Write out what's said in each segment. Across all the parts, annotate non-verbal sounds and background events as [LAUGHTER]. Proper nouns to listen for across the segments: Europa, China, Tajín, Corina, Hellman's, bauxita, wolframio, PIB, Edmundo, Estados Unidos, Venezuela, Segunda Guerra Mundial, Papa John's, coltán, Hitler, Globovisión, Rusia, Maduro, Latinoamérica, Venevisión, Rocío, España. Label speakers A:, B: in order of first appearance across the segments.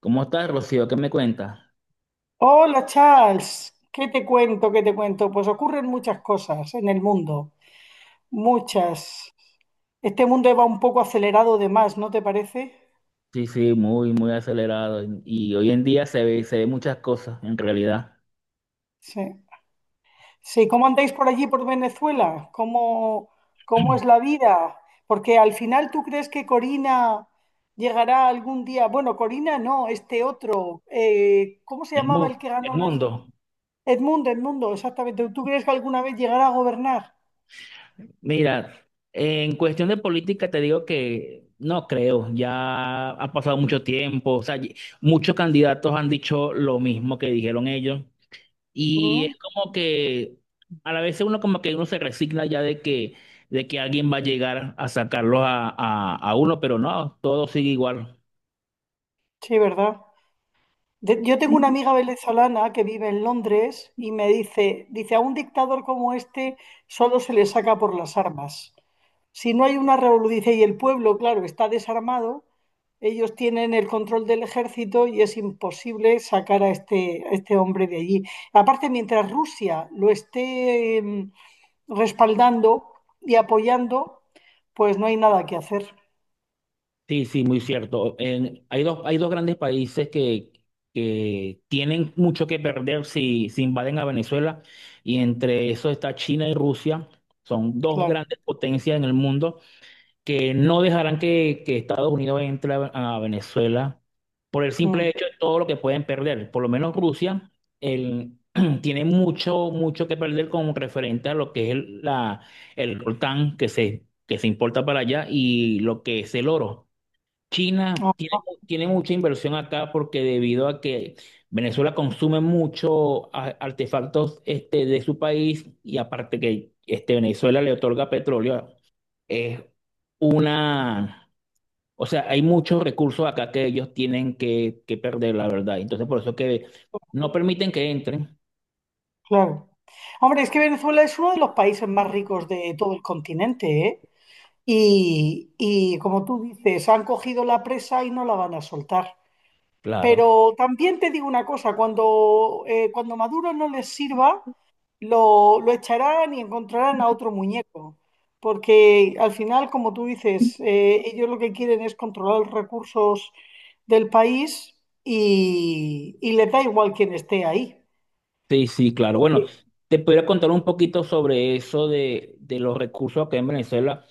A: ¿Cómo estás, Rocío? ¿Qué me cuentas?
B: Hola Charles, ¿qué te cuento? ¿Qué te cuento? Pues ocurren muchas cosas en el mundo, muchas. Este mundo va un poco acelerado de más, ¿no te parece?
A: Sí, sí, muy acelerado. Y, hoy en día se ve muchas cosas, en realidad.
B: Sí. Sí, ¿cómo andáis por allí, por Venezuela? ¿Cómo es
A: [CLEARS THROAT]
B: la vida? Porque al final tú crees que Corina llegará algún día. Bueno, Corina no, este otro, ¿cómo se
A: El
B: llamaba el
A: mundo,
B: que
A: el
B: ganó las...?
A: mundo.
B: Edmundo, Edmundo, exactamente. ¿Tú crees que alguna vez llegará a gobernar?
A: Mira, en cuestión de política te digo que no creo. Ya ha pasado mucho tiempo. O sea, muchos candidatos han dicho lo mismo que dijeron ellos. Y es
B: ¿Mm?
A: como que a la vez uno como que uno se resigna ya de que alguien va a llegar a sacarlos a uno, pero no, todo sigue igual.
B: Sí, ¿verdad? Yo tengo una amiga venezolana que vive en Londres y me dice, a un dictador como este solo se le saca por las armas. Si no hay una revolución, dice, y el pueblo, claro, está desarmado, ellos tienen el control del ejército y es imposible sacar a este hombre de allí. Aparte, mientras Rusia lo esté respaldando y apoyando, pues no hay nada que hacer.
A: Sí, sí, muy cierto. Hay dos grandes países que tienen mucho que perder si invaden a Venezuela y entre eso está China y Rusia. Son dos
B: Claro.
A: grandes potencias en el mundo que no dejarán que Estados Unidos a Venezuela por el simple
B: Mm.
A: hecho de todo lo que pueden perder. Por lo menos Rusia el- [CLEARS THROAT] tiene mucho que perder con referente a lo que es el coltán que se importa para allá y lo que es el oro. China
B: Ah,
A: tiene, tiene mucha inversión acá porque debido a que Venezuela consume mucho artefactos este, de su país y aparte que este, Venezuela le otorga petróleo, es una, o sea, hay muchos recursos acá que ellos tienen que perder, la verdad. Entonces, por eso es que no permiten que entren.
B: claro. Hombre, es que Venezuela es uno de los países más ricos de todo el continente, ¿eh? Y como tú dices, han cogido la presa y no la van a soltar.
A: Claro.
B: Pero también te digo una cosa, cuando Maduro no les sirva, lo echarán y encontrarán a otro muñeco. Porque al final, como tú dices, ellos lo que quieren es controlar los recursos del país y les da igual quién esté ahí.
A: Sí, sí, claro. Bueno, te podría contar un poquito sobre de los recursos acá en Venezuela.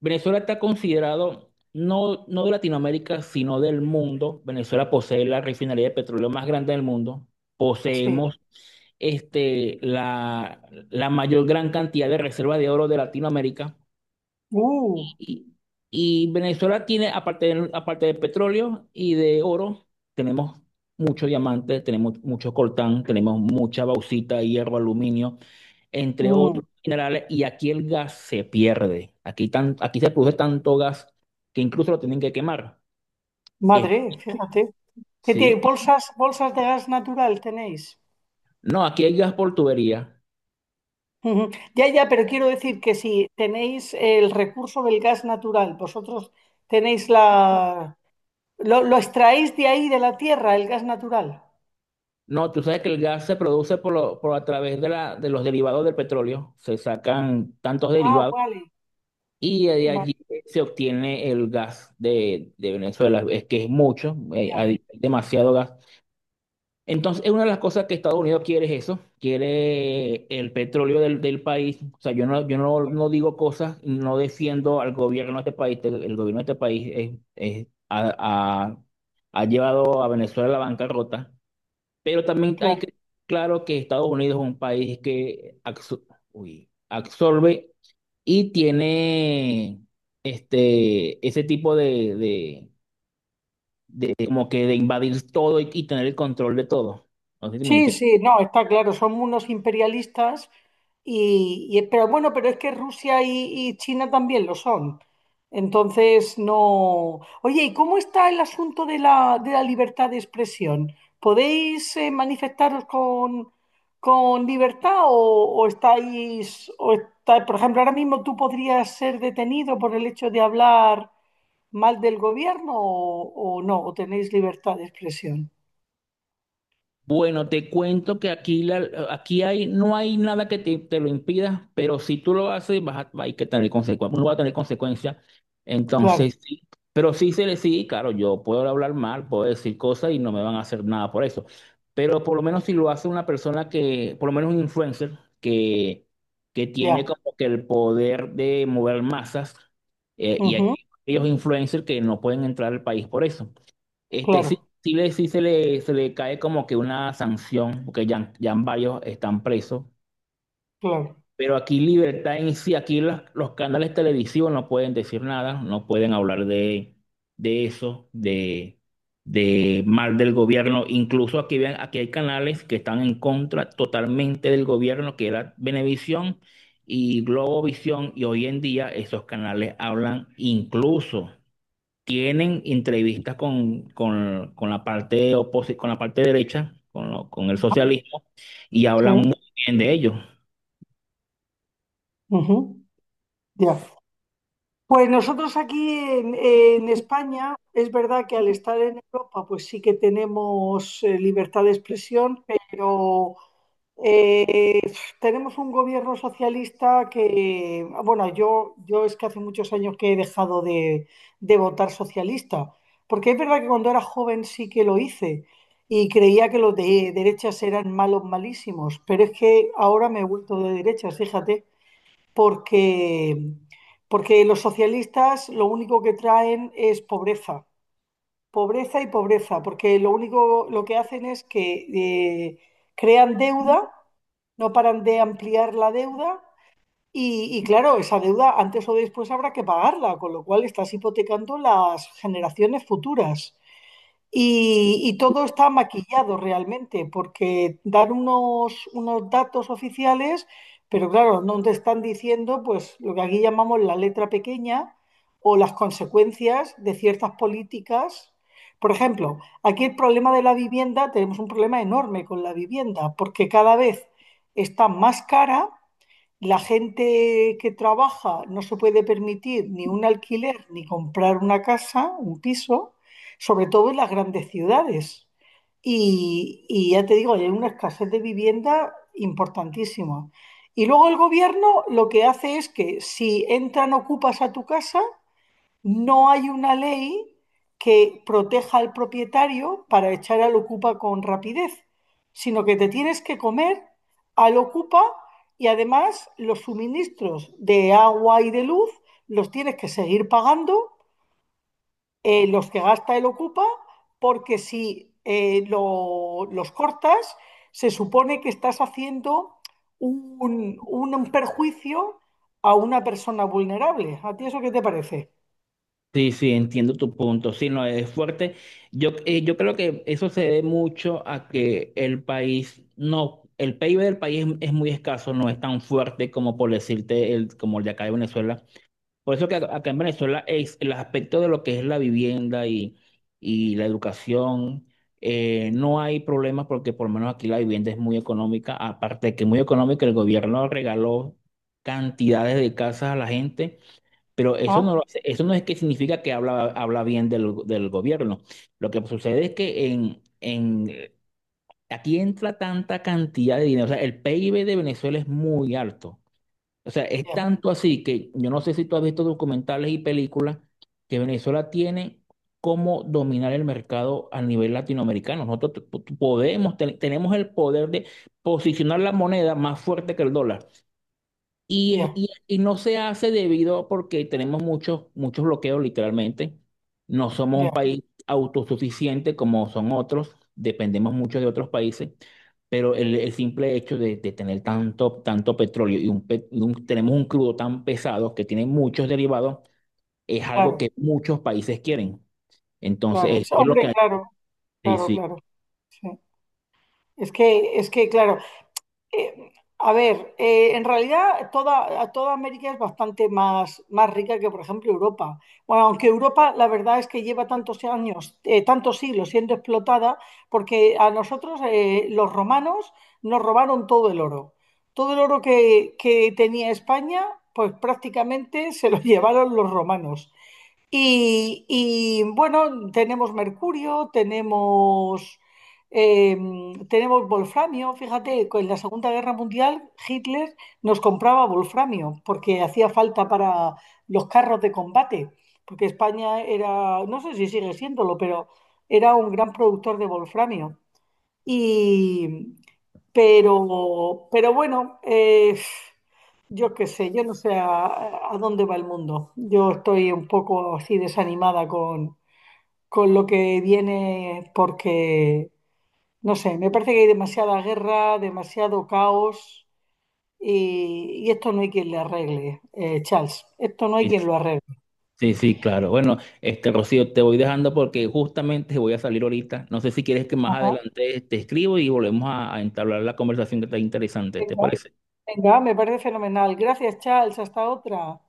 A: Venezuela está considerado no de Latinoamérica, sino del mundo. Venezuela posee la refinería de petróleo más grande del mundo.
B: Sí.
A: Poseemos este, la, la mayor gran cantidad de reservas de oro de Latinoamérica.
B: Uh,
A: Y, y Venezuela tiene, aparte de petróleo y de oro, tenemos mucho diamante, tenemos mucho coltán, tenemos mucha bauxita, hierro, aluminio, entre
B: mm.
A: otros minerales. Y aquí el gas se pierde. Aquí, aquí se produce tanto gas que incluso lo tienen que quemar. Eh,
B: Madre, fíjate. ¿Qué tiene?
A: sí.
B: ¿Bolsas, bolsas de gas natural tenéis?
A: No, aquí hay gas por tubería.
B: Ujú. Ya, ya, pero quiero decir que si tenéis el recurso del gas natural, vosotros tenéis la... ¿Lo extraéis de ahí, de la tierra, el gas natural?
A: No, tú sabes que el gas se produce por, lo- por a través de, de los derivados del petróleo. Se sacan tantos
B: Ah,
A: derivados.
B: vale.
A: Y de
B: Vale,
A: allí se obtiene el gas de Venezuela. Es que es mucho,
B: ya,
A: hay demasiado gas. Entonces, es una de las cosas que Estados Unidos quiere es eso, quiere el petróleo del país. O sea, yo no,
B: vale,
A: no digo cosas, no defiendo al gobierno de este país. El gobierno de este país ha- ha llevado a Venezuela a la bancarrota. Pero también hay
B: claro.
A: que, claro que Estados Unidos es un país que absorbe y tiene este, ese tipo de como que de invadir todo y tener el control de todo. No sé si me...
B: Sí, sí, no, está claro, son unos imperialistas pero bueno, pero es que Rusia y China también lo son. Entonces, no. Oye, ¿y cómo está el asunto de la libertad de expresión? ¿Podéis manifestaros con libertad o estáis, por ejemplo, ahora mismo tú podrías ser detenido por el hecho de hablar mal del gobierno o no, o tenéis libertad de expresión?
A: Bueno, te cuento que aquí, aquí hay, no hay nada que te lo impida, pero si tú lo haces, vas a, hay que tener consecuencias, uno va a tener consecuencias.
B: Claro,
A: Entonces, sí, pero claro, yo puedo hablar mal, puedo decir cosas y no me van a hacer nada por eso. Pero por lo menos si lo hace una persona por lo menos un influencer, que tiene
B: ya.
A: como que el poder de mover masas, y aquí
B: Ujú.
A: hay ellos influencers que no pueden entrar al país por eso. Este, sí,
B: Claro,
A: sí se le cae como que una sanción, porque ya, ya varios están presos.
B: claro,
A: Pero aquí libertad en sí, aquí los canales televisivos no pueden decir nada, no pueden hablar de eso, de, de mal del gobierno. Incluso aquí, vean, aquí hay canales que están en contra totalmente del gobierno, que era Venevisión y Globovisión, y hoy en día esos canales hablan incluso tienen entrevistas con la parte con la parte derecha, con el socialismo, y
B: sí,
A: hablan muy bien de ellos.
B: ujú, ya. Pues nosotros aquí en España, es verdad que al estar en Europa, pues sí que tenemos libertad de expresión, pero eh, tenemos un gobierno socialista que, bueno, yo es que hace muchos años que he dejado de votar socialista, porque es verdad que cuando era joven sí que lo hice y creía que los de derechas eran malos, malísimos, pero es que ahora me he vuelto de derechas, fíjate porque, porque los socialistas lo único que traen es pobreza, pobreza y pobreza, porque lo único lo que hacen es que crean deuda, no paran de ampliar la deuda y claro, esa deuda antes o después habrá que pagarla, con lo cual estás hipotecando las generaciones futuras. Y todo está maquillado realmente, porque dan unos datos oficiales, pero claro, no te están diciendo pues lo que aquí llamamos la letra pequeña o las consecuencias de ciertas políticas. Por ejemplo, aquí el problema de la vivienda, tenemos un problema enorme con la vivienda, porque cada vez está más cara, la gente que trabaja no se puede permitir ni un alquiler ni comprar una casa, un piso, sobre todo en las grandes ciudades. Y ya te digo, hay una escasez de vivienda importantísima. Y luego el gobierno lo que hace es que si entran ocupas a tu casa, no hay una ley que proteja al propietario para echar al ocupa con rapidez, sino que te tienes que comer al ocupa, y además los suministros de agua y de luz los tienes que seguir pagando, los que gasta el ocupa, porque si los cortas, se supone que estás haciendo un perjuicio a una persona vulnerable. ¿A ti eso qué te parece?
A: Sí, sí, entiendo tu punto. Sí, no, es fuerte. Yo, yo creo que eso se debe mucho a que el país, no, el PIB del país es muy escaso, no es tan fuerte como por decirte como el de acá de Venezuela. Por eso que acá en Venezuela es el aspecto de lo que es la vivienda y la educación, no hay problemas porque por lo menos aquí la vivienda es muy económica, aparte de que es muy económica, el gobierno regaló cantidades de casas a la gente, pero eso
B: ¿Ah?
A: no, eso no es que significa que habla bien del gobierno. Lo que sucede es que aquí entra tanta cantidad de dinero, o sea, el PIB de Venezuela es muy alto. O sea, es tanto así que yo no sé si tú has visto documentales y películas que Venezuela tiene cómo dominar el mercado a nivel latinoamericano. Nosotros podemos, tenemos el poder de posicionar la moneda más fuerte que el dólar.
B: Ya,
A: Y no se hace debido porque tenemos muchos bloqueos literalmente. No somos
B: ya,
A: un país autosuficiente como son otros, dependemos mucho de otros países, pero el simple hecho de tener tanto petróleo y, un, pe- y un- tenemos un crudo tan pesado que tiene muchos derivados es algo
B: claro,
A: que muchos países quieren.
B: claro.
A: Entonces,
B: Sí,
A: eso es lo que...
B: hombre,
A: hay.
B: claro, claro,
A: Sí,
B: claro. Sí. Es que, claro, eh, a ver, en realidad a toda América es bastante más, más rica que, por ejemplo, Europa. Bueno, aunque Europa, la verdad es que lleva tantos años, tantos siglos siendo explotada, porque a nosotros, los romanos nos robaron todo el oro. Todo el oro que tenía España, pues prácticamente se lo [LAUGHS] llevaron los romanos. Bueno, tenemos mercurio, eh, tenemos wolframio. Fíjate, en la Segunda Guerra Mundial Hitler nos compraba wolframio porque hacía falta para los carros de combate, porque España era, no sé si sigue siéndolo, pero era un gran productor de wolframio. Y, pero bueno, yo qué sé, yo no sé a dónde va el mundo. Yo estoy un poco así desanimada con lo que viene, porque, no sé, me parece que hay demasiada guerra, demasiado caos y esto no hay quien le arregle, Charles. Esto no hay
A: sí.
B: quien lo arregle.
A: Sí, sí, claro. Bueno, este Rocío, te voy dejando porque justamente voy a salir ahorita. No sé si quieres que más adelante te escribo y volvemos a entablar la conversación que está interesante, ¿te
B: Venga,
A: parece?
B: venga, me parece fenomenal. Gracias, Charles. Hasta otra.